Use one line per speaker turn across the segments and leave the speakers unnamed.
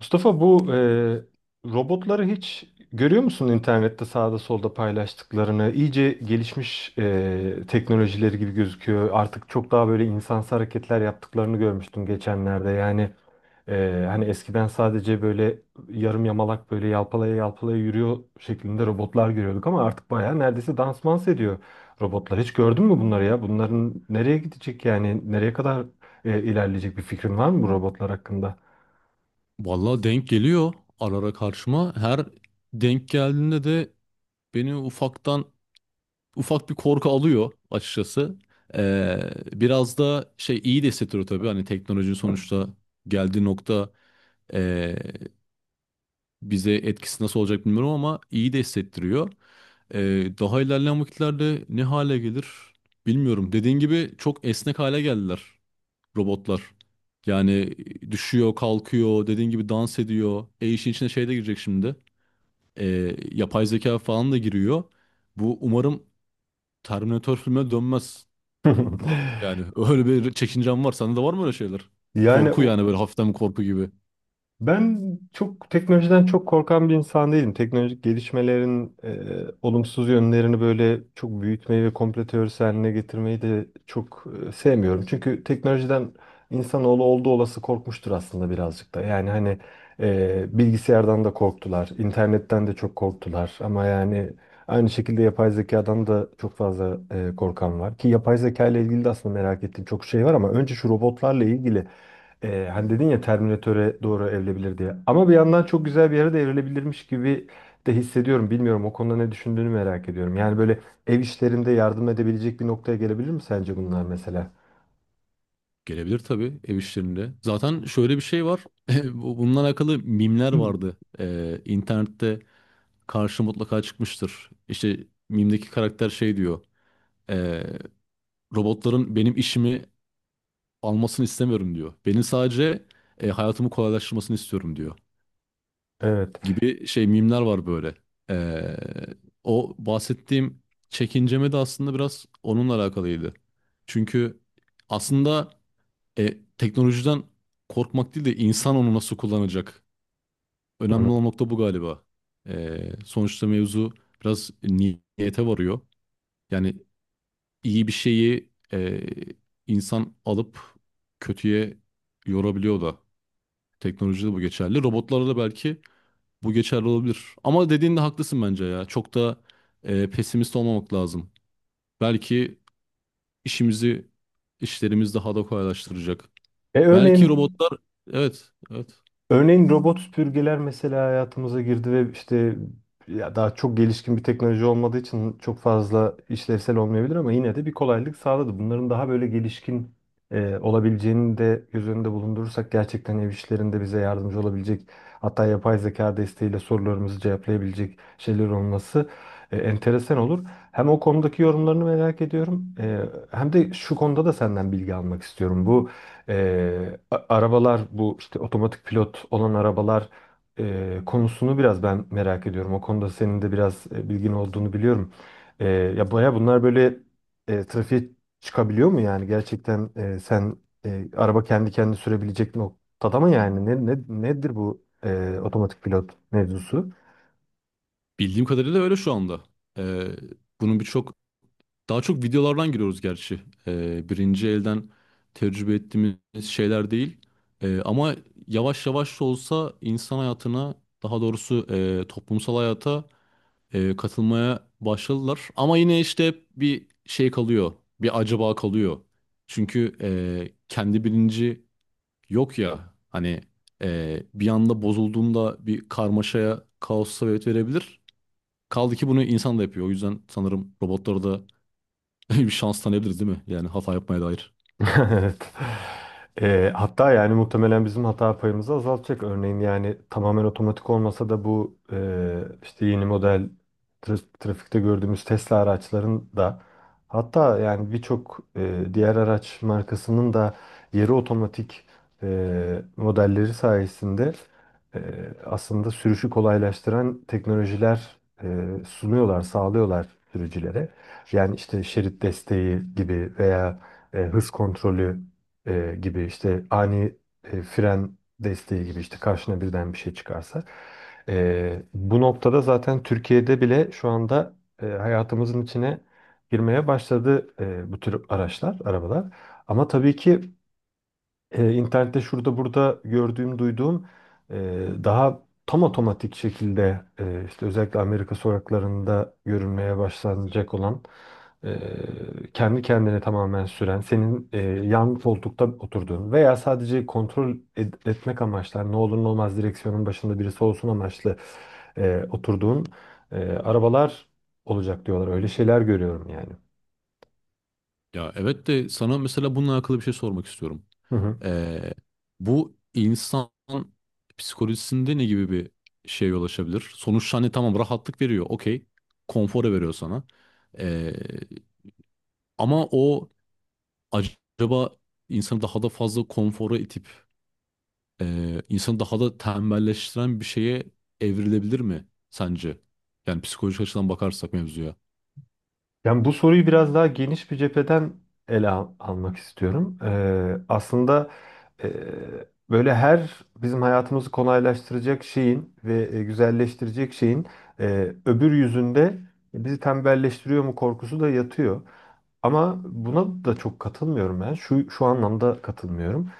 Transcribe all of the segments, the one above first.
Mustafa, bu robotları hiç görüyor musun internette sağda solda paylaştıklarını? İyice gelişmiş teknolojileri gibi gözüküyor. Artık çok daha böyle insansı hareketler yaptıklarını görmüştüm geçenlerde. Yani hani eskiden sadece böyle yarım yamalak böyle yalpalaya yalpalaya yürüyor şeklinde robotlar görüyorduk ama artık baya neredeyse dansmans ediyor robotlar. Hiç gördün mü bunları ya? Bunların nereye gidecek yani nereye kadar ilerleyecek bir fikrin var mı bu robotlar hakkında?
Vallahi denk geliyor ara ara karşıma. Her denk geldiğinde de beni ufaktan ufak bir korku alıyor açıkçası. Ee, Biraz da şey iyi de hissettiriyor tabii. Hani teknolojinin sonuçta geldiği nokta ee, bize etkisi nasıl olacak bilmiyorum ama iyi de hissettiriyor. Daha ilerleyen vakitlerde ne hale gelir bilmiyorum. Dediğin gibi çok esnek hale geldiler robotlar. Yani düşüyor, kalkıyor, dediğin gibi dans ediyor. E işin içine şey de girecek şimdi. E, Yapay zeka falan da giriyor. Bu umarım Terminator filmine dönmez. Yani öyle bir çekincem var. Sende de var mı öyle şeyler?
Yani
Korku yani böyle hafiften bir korku gibi.
ben çok teknolojiden çok korkan bir insan değilim. Teknolojik gelişmelerin olumsuz yönlerini böyle çok büyütmeyi ve komplo teorisi haline getirmeyi de çok sevmiyorum. Çünkü teknolojiden insanoğlu olduğu olası korkmuştur aslında birazcık da. Yani hani bilgisayardan da korktular, internetten de çok korktular. Ama yani aynı şekilde yapay zekadan da çok fazla korkan var. Ki yapay zeka ile ilgili de aslında merak ettiğim çok şey var ama önce şu robotlarla ilgili. Hani dedin ya Terminator'e doğru evrilebilir diye. Ama bir yandan çok güzel bir yere de evrilebilirmiş gibi de hissediyorum. Bilmiyorum o konuda ne düşündüğünü merak ediyorum. Yani böyle ev işlerinde yardım edebilecek bir noktaya gelebilir mi sence bunlar mesela?
Gelebilir tabii ev işlerinde. Zaten şöyle bir şey var. Bununla alakalı mimler vardı. İnternette karşı mutlaka çıkmıştır. İşte mimdeki karakter şey diyor. E, Robotların benim işimi almasını istemiyorum diyor. Benim sadece hayatımı kolaylaştırmasını istiyorum diyor.
Evet.
Gibi şey mimler var böyle. Ee, O bahsettiğim çekinceme de aslında biraz onunla alakalıydı. Çünkü aslında teknolojiden korkmak değil de insan onu nasıl kullanacak.
Hı hı.
Önemli olan nokta bu galiba. Sonuçta mevzu biraz niyete varıyor. Yani iyi bir şeyi insan alıp kötüye yorabiliyor da. Teknolojide bu geçerli. Robotlarda da belki bu geçerli olabilir. Ama dediğinde haklısın bence ya. Çok da pesimist olmamak lazım. Belki işimizi, işlerimiz daha da kolaylaştıracak.
E
Belki
örneğin,
robotlar, evet, evet.
örneğin robot süpürgeler mesela hayatımıza girdi ve işte ya daha çok gelişkin bir teknoloji olmadığı için çok fazla işlevsel olmayabilir ama yine de bir kolaylık sağladı. Bunların daha böyle gelişkin olabileceğini de göz önünde bulundurursak gerçekten ev işlerinde bize yardımcı olabilecek hatta yapay zeka desteğiyle sorularımızı cevaplayabilecek şeyler olması enteresan olur. Hem o konudaki yorumlarını merak ediyorum, hem de şu konuda da senden bilgi almak istiyorum. Bu arabalar, bu işte otomatik pilot olan arabalar konusunu biraz ben merak ediyorum. O konuda senin de biraz bilgin olduğunu biliyorum. Ya baya bunlar böyle trafiğe çıkabiliyor mu yani? Gerçekten sen araba kendi kendini sürebilecek noktada mı yani? Nedir bu otomatik pilot mevzusu?
Bildiğim kadarıyla öyle şu anda. E, bunun birçok, daha çok videolardan giriyoruz gerçi. Birinci elden tecrübe ettiğimiz şeyler değil. Ama yavaş yavaş da olsa insan hayatına, daha doğrusu toplumsal hayata katılmaya başladılar. Ama yine işte hep bir şey kalıyor. Bir acaba kalıyor. Çünkü kendi bilinci yok ya. Hani bir anda bozulduğunda bir karmaşaya, kaosa sebebiyet verebilir. Kaldı ki bunu insan da yapıyor. O yüzden sanırım robotlara da bir şans tanıyabiliriz değil mi? Yani hata yapmaya dair.
Evet. Hatta yani muhtemelen bizim hata payımızı azaltacak. Örneğin yani tamamen otomatik olmasa da bu işte yeni model trafikte gördüğümüz Tesla araçların da hatta yani birçok diğer araç markasının da yarı otomatik modelleri sayesinde aslında sürüşü kolaylaştıran teknolojiler eee, sunuyorlar, sağlıyorlar sürücülere. Yani işte şerit desteği gibi veya hız kontrolü gibi, işte ani fren desteği gibi, işte karşına birden bir şey çıkarsa. E, bu noktada zaten Türkiye'de bile şu anda hayatımızın içine girmeye başladı bu tür araçlar, arabalar. Ama tabii ki internette şurada burada gördüğüm, duyduğum daha tam otomatik şekilde işte özellikle Amerika sokaklarında görülmeye başlanacak olan kendi kendine tamamen süren, senin yan koltukta oturduğun veya sadece etmek amaçlı, hani ne olur ne olmaz direksiyonun başında birisi olsun amaçlı oturduğun arabalar olacak diyorlar. Öyle şeyler görüyorum yani.
Ya evet de sana mesela bununla alakalı bir şey sormak istiyorum. Ee, Bu insan psikolojisinde ne gibi bir şeye yol açabilir? Sonuçta hani tamam rahatlık veriyor, okey. Konfora veriyor sana. Ee, Ama o acaba insanı daha da fazla konfora itip insanı daha da tembelleştiren bir şeye evrilebilir mi sence? Yani psikolojik açıdan bakarsak mevzuya.
Yani bu soruyu biraz daha geniş bir cepheden almak istiyorum. Aslında e, böyle her bizim hayatımızı kolaylaştıracak şeyin ve güzelleştirecek şeyin öbür yüzünde bizi tembelleştiriyor mu korkusu da yatıyor. Ama buna da çok katılmıyorum ben. Şu anlamda katılmıyorum.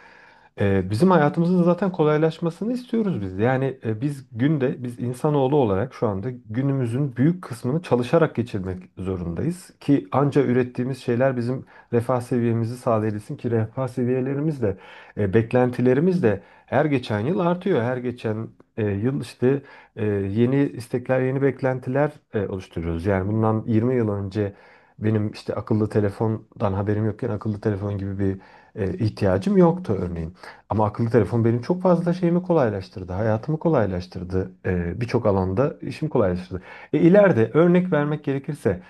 Bizim hayatımızın zaten kolaylaşmasını istiyoruz biz. Yani biz insanoğlu olarak şu anda günümüzün büyük kısmını çalışarak geçirmek zorundayız. Ki anca ürettiğimiz şeyler bizim refah seviyemizi sağlayabilsin ki refah seviyelerimiz de, beklentilerimiz de her geçen yıl artıyor. Her geçen yıl işte yeni istekler, yeni beklentiler oluşturuyoruz. Yani bundan 20 yıl önce benim işte akıllı telefondan haberim yokken akıllı telefon gibi bir ihtiyacım yoktu örneğin. Ama akıllı telefon benim çok fazla şeyimi kolaylaştırdı, hayatımı kolaylaştırdı, birçok alanda işimi kolaylaştırdı. E, ileride örnek vermek gerekirse,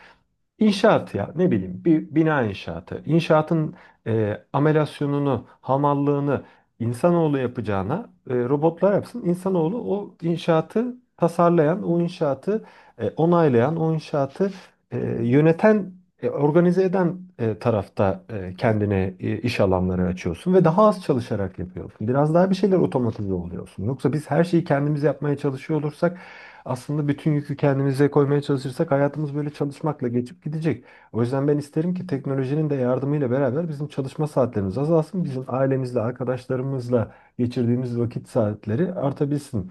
İnşaat ya ne bileyim, bir bina inşaatı. İnşaatın amelasyonunu, hamallığını insanoğlu yapacağına robotlar yapsın. İnsanoğlu o inşaatı tasarlayan, o inşaatı onaylayan, o inşaatı yöneten, organize eden tarafta kendine iş alanları açıyorsun ve daha az çalışarak yapıyorsun. Biraz daha bir şeyler otomatize oluyorsun. Yoksa biz her şeyi kendimiz yapmaya çalışıyor olursak, aslında bütün yükü kendimize koymaya çalışırsak, hayatımız böyle çalışmakla geçip gidecek. O yüzden ben isterim ki teknolojinin de yardımıyla beraber bizim çalışma saatlerimiz azalsın. Bizim ailemizle, arkadaşlarımızla geçirdiğimiz vakit saatleri artabilsin.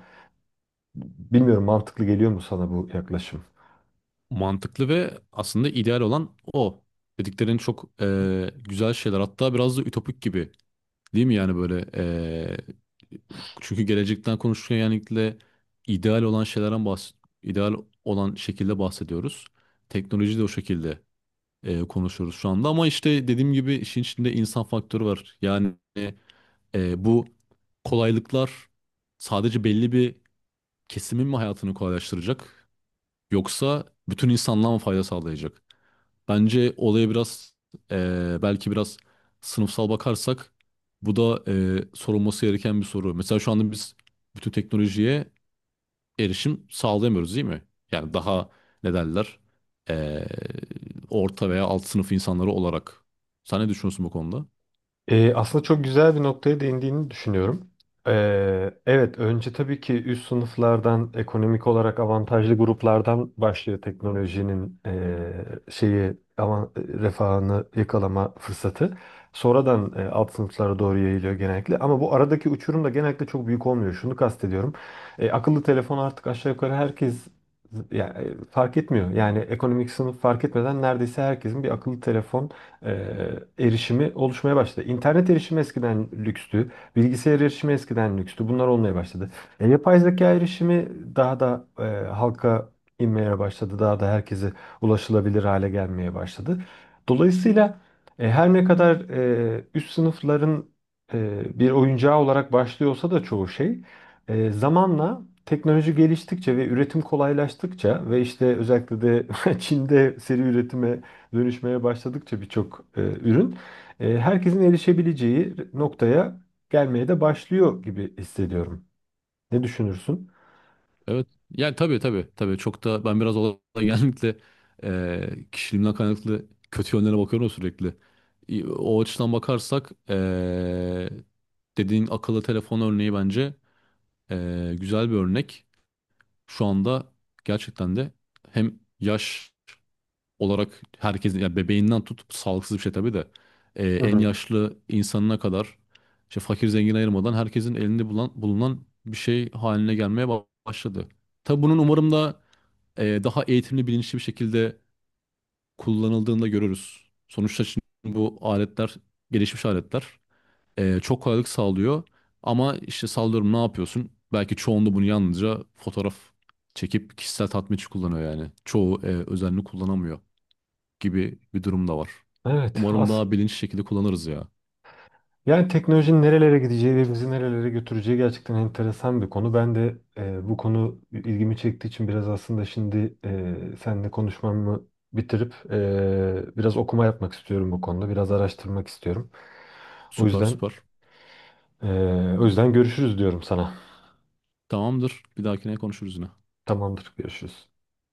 Bilmiyorum, mantıklı geliyor mu sana bu yaklaşım?
Mantıklı ve aslında ideal olan o. Dediklerin çok güzel şeyler. Hatta biraz da ütopik gibi. Değil mi yani böyle çünkü gelecekten konuşurken yani genellikle ideal olan şeylerden bahs ideal olan şekilde bahsediyoruz. Teknoloji de o şekilde konuşuyoruz şu anda ama işte dediğim gibi işin içinde insan faktörü var. Yani bu kolaylıklar sadece belli bir kesimin mi hayatını kolaylaştıracak? Yoksa bütün insanlığa mı fayda sağlayacak? Bence olaya biraz belki biraz sınıfsal bakarsak bu da sorulması gereken bir soru. Mesela şu anda biz bütün teknolojiye erişim sağlayamıyoruz değil mi? Yani daha ne derler eee, orta veya alt sınıf insanları olarak. Sen ne düşünüyorsun bu konuda?
Aslında çok güzel bir noktaya değindiğini düşünüyorum. Evet, önce tabii ki üst sınıflardan, ekonomik olarak avantajlı gruplardan başlıyor teknolojinin şeyi ama refahını yakalama fırsatı. Sonradan alt sınıflara doğru yayılıyor genellikle. Ama bu aradaki uçurum da genellikle çok büyük olmuyor. Şunu kastediyorum. E, akıllı telefon artık aşağı yukarı herkes, yani, fark etmiyor. Yani ekonomik sınıf fark etmeden neredeyse herkesin bir akıllı telefon e, erişimi oluşmaya başladı. İnternet erişimi eskiden lükstü, bilgisayar erişimi eskiden lükstü. Bunlar olmaya başladı. E, yapay zeka erişimi daha da halka inmeye başladı. Daha da herkese ulaşılabilir hale gelmeye başladı. Dolayısıyla her ne kadar üst sınıfların bir oyuncağı olarak başlıyorsa da çoğu şey zamanla teknoloji geliştikçe ve üretim kolaylaştıkça ve işte özellikle de Çin'de seri üretime dönüşmeye başladıkça birçok ürün herkesin erişebileceği noktaya gelmeye de başlıyor gibi hissediyorum. Ne düşünürsün?
Evet. Yani tabii tabii. Tabii çok da ben biraz olaya genellikle kişiliğimden kaynaklı kötü yönlerine bakıyorum sürekli. O açıdan bakarsak dediğin akıllı telefon örneği bence güzel bir örnek. Şu anda gerçekten de hem yaş olarak herkesin yani bebeğinden tut sağlıksız bir şey tabii de
Hı
en
hı.
yaşlı insanına kadar işte fakir zengin ayırmadan herkesin elinde bulunan bir şey haline gelmeye başladı. Tabii bunun umarım da daha eğitimli bilinçli bir şekilde kullanıldığında görürüz. Sonuçta şimdi bu aletler gelişmiş aletler çok kolaylık sağlıyor ama işte sallıyorum ne yapıyorsun? Belki çoğunda bunu yalnızca fotoğraf çekip kişisel tatmin için kullanıyor yani. Çoğu özenli kullanamıyor gibi bir durum da var.
Evet,
Umarım
az.
daha bilinçli şekilde kullanırız ya.
Yani teknolojinin nerelere gideceği ve bizi nerelere götüreceği gerçekten enteresan bir konu. Ben de bu konu ilgimi çektiği için biraz aslında şimdi seninle konuşmamı bitirip biraz okuma yapmak istiyorum bu konuda. Biraz araştırmak istiyorum. O
Süper
yüzden
süper.
e, o yüzden görüşürüz diyorum sana.
Tamamdır. Bir dahakine konuşuruz yine.
Tamamdır, görüşürüz.